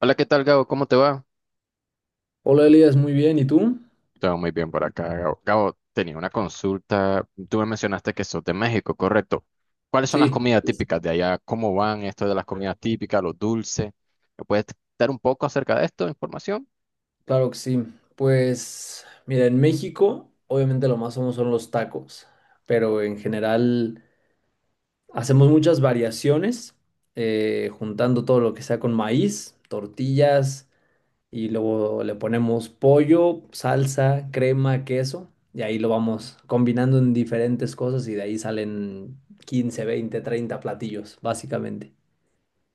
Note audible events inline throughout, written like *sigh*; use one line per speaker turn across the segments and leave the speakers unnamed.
Hola, ¿qué tal, Gabo? ¿Cómo te va?
Hola Elías, muy bien. ¿Y tú?
Todo muy bien por acá, Gabo. Gabo, tenía una consulta. Tú me mencionaste que sos de México, correcto. ¿Cuáles son las
Sí,
comidas
pues,
típicas de allá? ¿Cómo van esto de las comidas típicas, los dulces? ¿Me puedes dar un poco acerca de esto, información?
claro que sí. Pues mira, en México obviamente lo más famoso son los tacos, pero en general hacemos muchas variaciones, juntando todo lo que sea con maíz, tortillas y luego le ponemos pollo, salsa, crema, queso y ahí lo vamos combinando en diferentes cosas y de ahí salen 15, 20, 30 platillos, básicamente.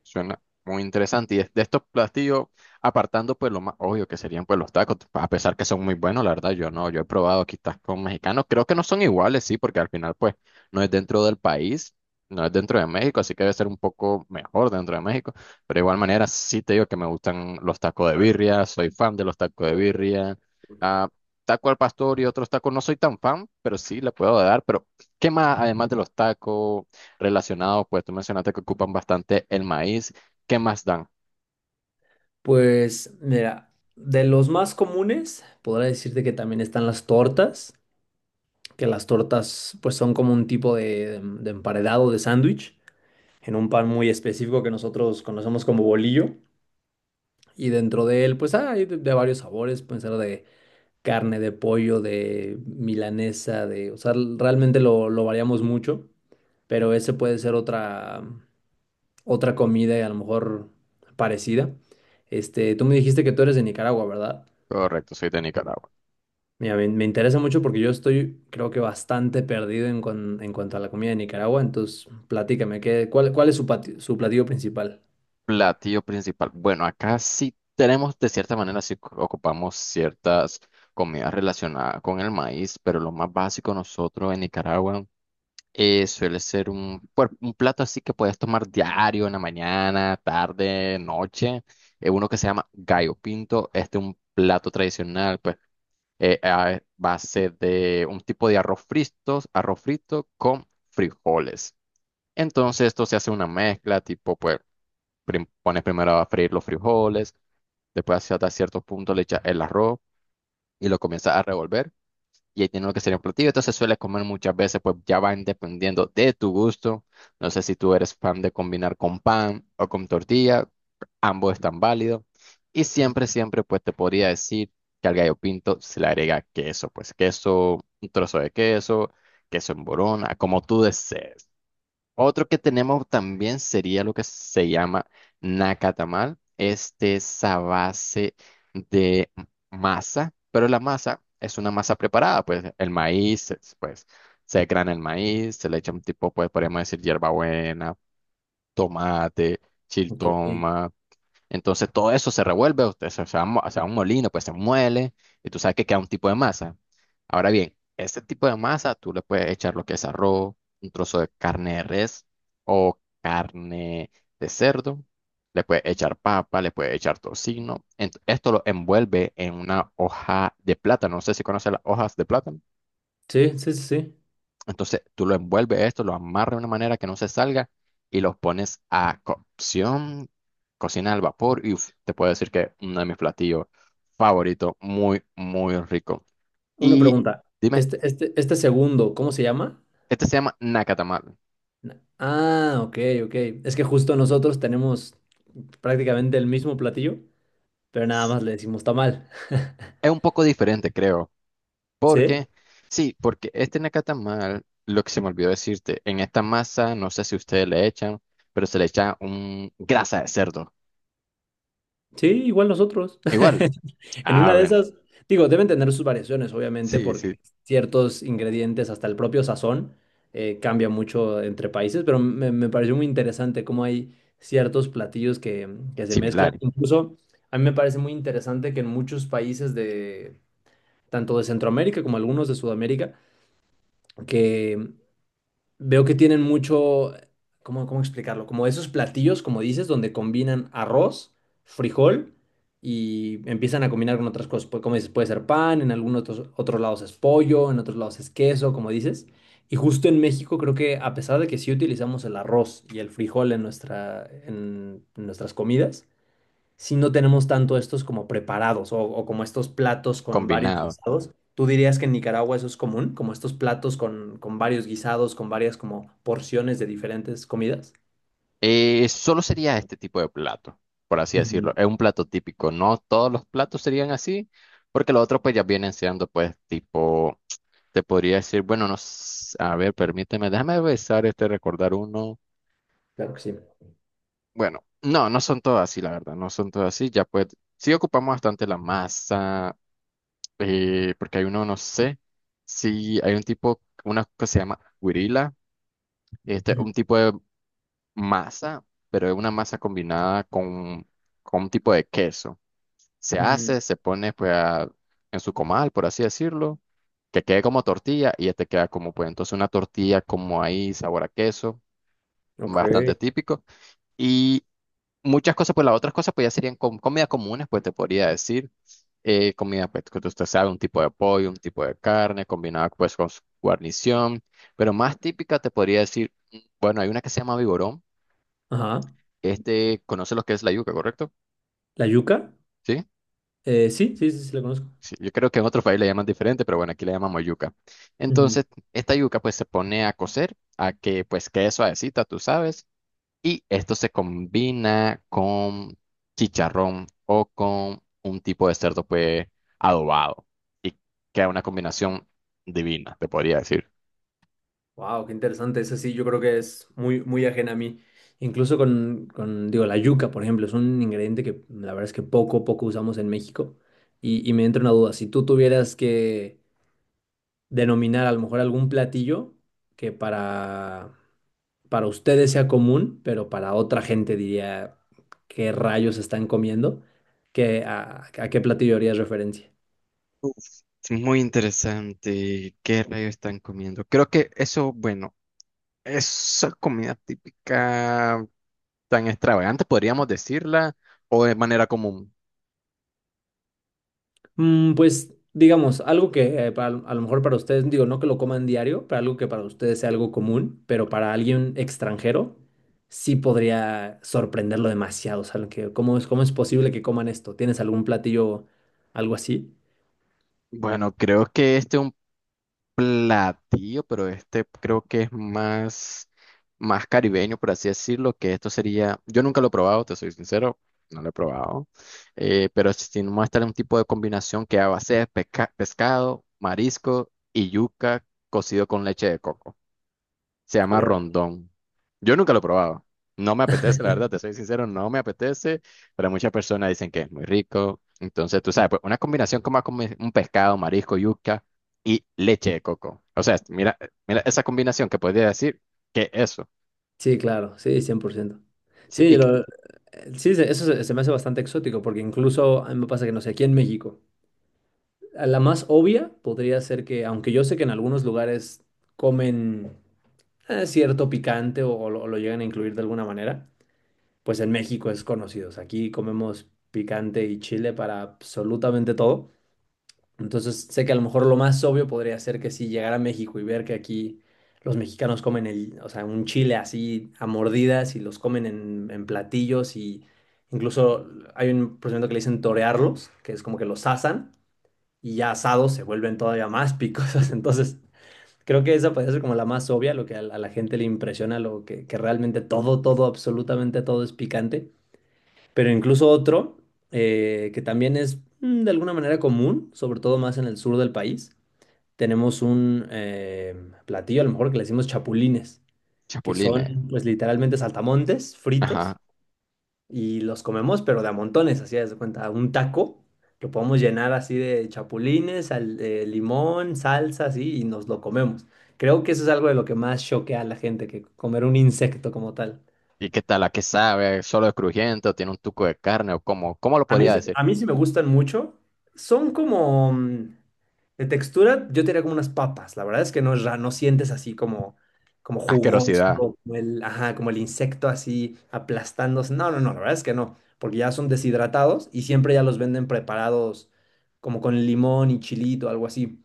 Suena muy interesante. Y de estos platillos, apartando pues lo más obvio que serían pues los tacos, a pesar que son muy buenos, la verdad, yo no, yo he probado quizás tacos mexicanos, creo que no son iguales, sí, porque al final pues no es dentro del país, no es dentro de México, así que debe ser un poco mejor dentro de México, pero de igual manera sí te digo que me gustan los tacos de birria, soy fan de los tacos de birria, ah, taco al pastor y otros tacos, no soy tan fan, pero sí le puedo dar, pero ¿qué más además de los tacos? Relacionado, pues tú mencionaste que ocupan bastante el maíz. ¿Qué más dan?
Pues mira, de los más comunes, podría decirte que también están las tortas, que las tortas pues son como un tipo de emparedado de sándwich en un pan muy específico que nosotros conocemos como bolillo y dentro de él pues hay de varios sabores, pueden ser de carne, de pollo, de milanesa, de, o sea, realmente lo variamos mucho, pero ese puede ser otra comida y a lo mejor parecida. Este, tú me dijiste que tú eres de Nicaragua, ¿verdad?
Correcto, soy de Nicaragua.
Mira, me interesa mucho porque yo estoy, creo que bastante perdido en, en cuanto a la comida de Nicaragua, entonces platícame, ¿ cuál es su, su platillo principal?
Platillo principal. Bueno, acá sí tenemos, de cierta manera, ocupamos ciertas comidas relacionadas con el maíz, pero lo más básico nosotros en Nicaragua suele ser un, pues, un plato así que puedes tomar diario, en la mañana, tarde, noche. Uno que se llama gallo pinto. Este es un plato tradicional, pues a base de un tipo de arroz frito con frijoles. Entonces esto se hace una mezcla, tipo, pues pones primero a freír los frijoles, después hasta cierto punto le echas el arroz y lo comienzas a revolver y ahí tiene lo que sería un platillo. Entonces suele comer muchas veces, pues ya van dependiendo de tu gusto. No sé si tú eres fan de combinar con pan o con tortilla, ambos están válidos. Y siempre, siempre, pues te podría decir que al gallo pinto se le agrega queso, pues queso, un trozo de queso, queso en borona, como tú desees. Otro que tenemos también sería lo que se llama nacatamal. Este es a base de masa, pero la masa es una masa preparada, pues el maíz, es, pues se grana el maíz, se le echa un tipo, pues podemos decir hierbabuena, tomate,
Ok. Sí,
chiltoma. Entonces todo eso se revuelve, usted se va, se va a un molino, pues se muele y tú sabes que queda un tipo de masa. Ahora bien, este tipo de masa tú le puedes echar lo que es arroz, un trozo de carne de res o carne de cerdo, le puedes echar papa, le puedes echar tocino. Esto lo envuelve en una hoja de plátano, no sé si conoces las hojas de plátano.
sí, sí, sí.
Entonces tú lo envuelves esto, lo amarras de una manera que no se salga y los pones a cocción, cocina al vapor y uf, te puedo decir que uno de mis platillos favoritos, muy, muy rico.
Una
Y
pregunta.
dime,
Este segundo, ¿cómo se llama?
este se llama nacatamal.
Ah, ok, ok. Es que justo nosotros tenemos prácticamente el mismo platillo, pero nada
S-
más le decimos tamal. *laughs*
Es un poco diferente, creo,
¿Sí?
porque, sí, porque este nacatamal, lo que se me olvidó decirte, en esta masa, no sé si ustedes le echan, pero se le echa un grasa de cerdo.
Sí, igual nosotros.
Igual,
*laughs* En
ah,
una de
bueno,
esas, digo, deben tener sus variaciones, obviamente,
sí,
porque
sí,
ciertos ingredientes, hasta el propio sazón, cambia mucho entre países, pero me pareció muy interesante cómo hay ciertos platillos que se mezclan.
similar,
Incluso a mí me parece muy interesante que en muchos países de, tanto de Centroamérica como algunos de Sudamérica, que veo que tienen mucho, ¿cómo explicarlo? Como esos platillos, como dices, donde combinan arroz, frijol y empiezan a combinar con otras cosas. Como dices, puede ser pan, en algunos otros, otros lados es pollo, en otros lados es queso, como dices. Y justo en México creo que a pesar de que sí utilizamos el arroz y el frijol en nuestra, en nuestras comidas, si no tenemos tanto estos como preparados o como estos platos con varios
combinado.
guisados. ¿Tú dirías que en Nicaragua eso es común, como estos platos con varios guisados, con varias como porciones de diferentes comidas?
Solo sería este tipo de plato, por así decirlo.
Ujú.
Es un plato típico. No todos los platos serían así, porque los otros pues ya vienen siendo pues tipo, te podría decir, bueno, no, a ver, permíteme, déjame besar este, recordar uno.
Claro que sí.
Bueno, no, no son todos así, la verdad, no son todos así. Ya pues, sí ocupamos bastante la masa, porque hay uno, no sé, si hay un tipo, una que se llama guirila, este,
Ujú,
un tipo de masa, pero es una masa combinada con un tipo de queso. Se
ujú.
hace, se pone pues a- en su comal, por así decirlo, que quede como tortilla y ya te queda como pues entonces una tortilla como ahí, sabor a queso,
Ok.
bastante típico. Y muchas cosas, pues las otras cosas pues ya serían comidas comunes, pues te podría decir. Comida pues que usted sabe, un tipo de pollo, un tipo de carne, combinada pues con su guarnición, pero más típica te podría decir, mm, bueno, hay una que se llama vigorón,
Ajá.
este conoce lo que es la yuca, ¿correcto?
¿La yuca?
¿Sí?
Sí, sí, sí, sí, la conozco.
Sí, yo creo que en otros países le llaman diferente, pero bueno, aquí le llamamos yuca.
Ujú.
Entonces, esta yuca pues se pone a cocer, a que pues quede suavecita, tú sabes, y esto se combina con chicharrón o con un tipo de cerdo pues adobado y queda una combinación divina, te podría decir.
Wow, qué interesante. Eso sí, yo creo que es muy, muy ajena a mí. Incluso con, digo, la yuca, por ejemplo, es un ingrediente que la verdad es que poco, poco usamos en México. Y me entra una duda. Si tú tuvieras que denominar a lo mejor algún platillo que para ustedes sea común, pero para otra gente diría qué rayos están comiendo, ¿ a qué platillo harías referencia?
Uf, es muy interesante. ¿Qué rayos están comiendo? Creo que eso, bueno, es comida típica. Tan extravagante, podríamos decirla, o de manera común.
Mm, pues digamos, algo que a lo mejor para ustedes, digo, no que lo coman diario, pero algo que para ustedes sea algo común, pero para alguien extranjero sí podría sorprenderlo demasiado. O sea, lo que, ¿cómo es posible que coman esto? ¿Tienes algún platillo, algo así?
Bueno, creo que este es un platillo, pero este creo que es más, más caribeño, por así decirlo, que esto sería, yo nunca lo he probado, te soy sincero, no lo he probado, pero si no muestra un tipo de combinación que a base de pescado, marisco y yuca cocido con leche de coco. Se llama
Órale.
rondón. Yo nunca lo he probado. No me apetece, la verdad, te
*laughs*
soy sincero, no me apetece, pero muchas personas dicen que es muy rico. Entonces, tú sabes, pues una combinación como a comer un pescado, marisco, yuca y leche de coco. O sea, mira, mira esa combinación que podría decir que eso.
Sí, claro, sí, 100%.
Sí,
Sí, eso se me hace bastante exótico, porque incluso a mí me pasa que, no sé, aquí en México. La más obvia podría ser que, aunque yo sé que en algunos lugares comen cierto picante o lo llegan a incluir de alguna manera, pues en México es conocido. O sea, aquí comemos picante y chile para absolutamente todo. Entonces sé que a lo mejor lo más obvio podría ser que si llegara a México y ver que aquí los mexicanos comen el, o sea, un chile así a mordidas y los comen en platillos y incluso hay un procedimiento que le dicen torearlos, que es como que los asan y ya asados se vuelven todavía más picosas. *laughs* Entonces, creo que esa puede ser como la más obvia, lo que a, la gente le impresiona, lo que realmente todo, todo, absolutamente todo es picante. Pero incluso otro, que también es mm, de alguna manera común, sobre todo más en el sur del país, tenemos un platillo, a lo mejor que le decimos chapulines, que
chapulines.
son pues literalmente saltamontes fritos
Ajá.
y los comemos, pero de a montones, así haz de cuenta, un taco que podemos llenar así de chapulines, de limón, salsa, así, y nos lo comemos. Creo que eso es algo de lo que más choquea a la gente, que comer un insecto como tal.
¿Y qué tal? ¿A qué sabe? ¿Solo es crujiente? ¿O tiene un tuco de carne? ¿O cómo? ¿Cómo lo
A mí,
podría decir?
a mí sí me gustan mucho. Son como mm, de textura, yo te diría como unas papas. La verdad es que no, no sientes así como, como jugoso,
Asquerosidad.
como el, ajá, como el insecto así aplastándose. No, no, no, la verdad es que no, porque ya son deshidratados y siempre ya los venden preparados como con limón y chilito, algo así.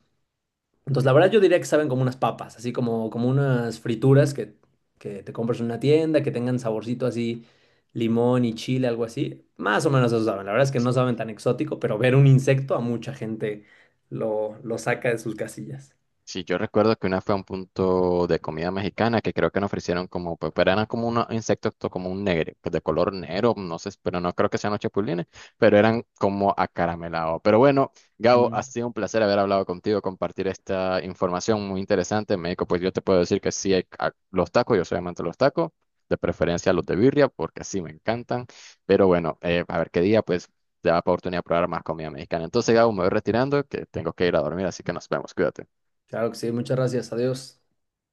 Entonces, la verdad yo diría que saben como unas papas, así como, como unas frituras que te compras en una tienda, que tengan saborcito así, limón y chile, algo así. Más o menos eso saben. La verdad es que no saben tan exótico, pero ver un insecto a mucha gente lo saca de sus casillas.
Sí, yo recuerdo que una fue a un punto de comida mexicana que creo que nos ofrecieron como, pues, pero eran como unos insectos como un negro, pues de color negro, no sé, pero no creo que sean los chapulines, pero eran como acaramelados. Pero bueno, Gabo,
Mm.
ha sido un placer haber hablado contigo, compartir esta información muy interesante. México, pues yo te puedo decir que sí hay los tacos, yo soy amante de los tacos, de preferencia los de birria, porque sí me encantan. Pero bueno, a ver qué día, pues, te da oportunidad de probar más comida mexicana. Entonces, Gabo, me voy retirando, que tengo que ir a dormir, así que nos vemos, cuídate.
Claro que sí, muchas gracias. Adiós.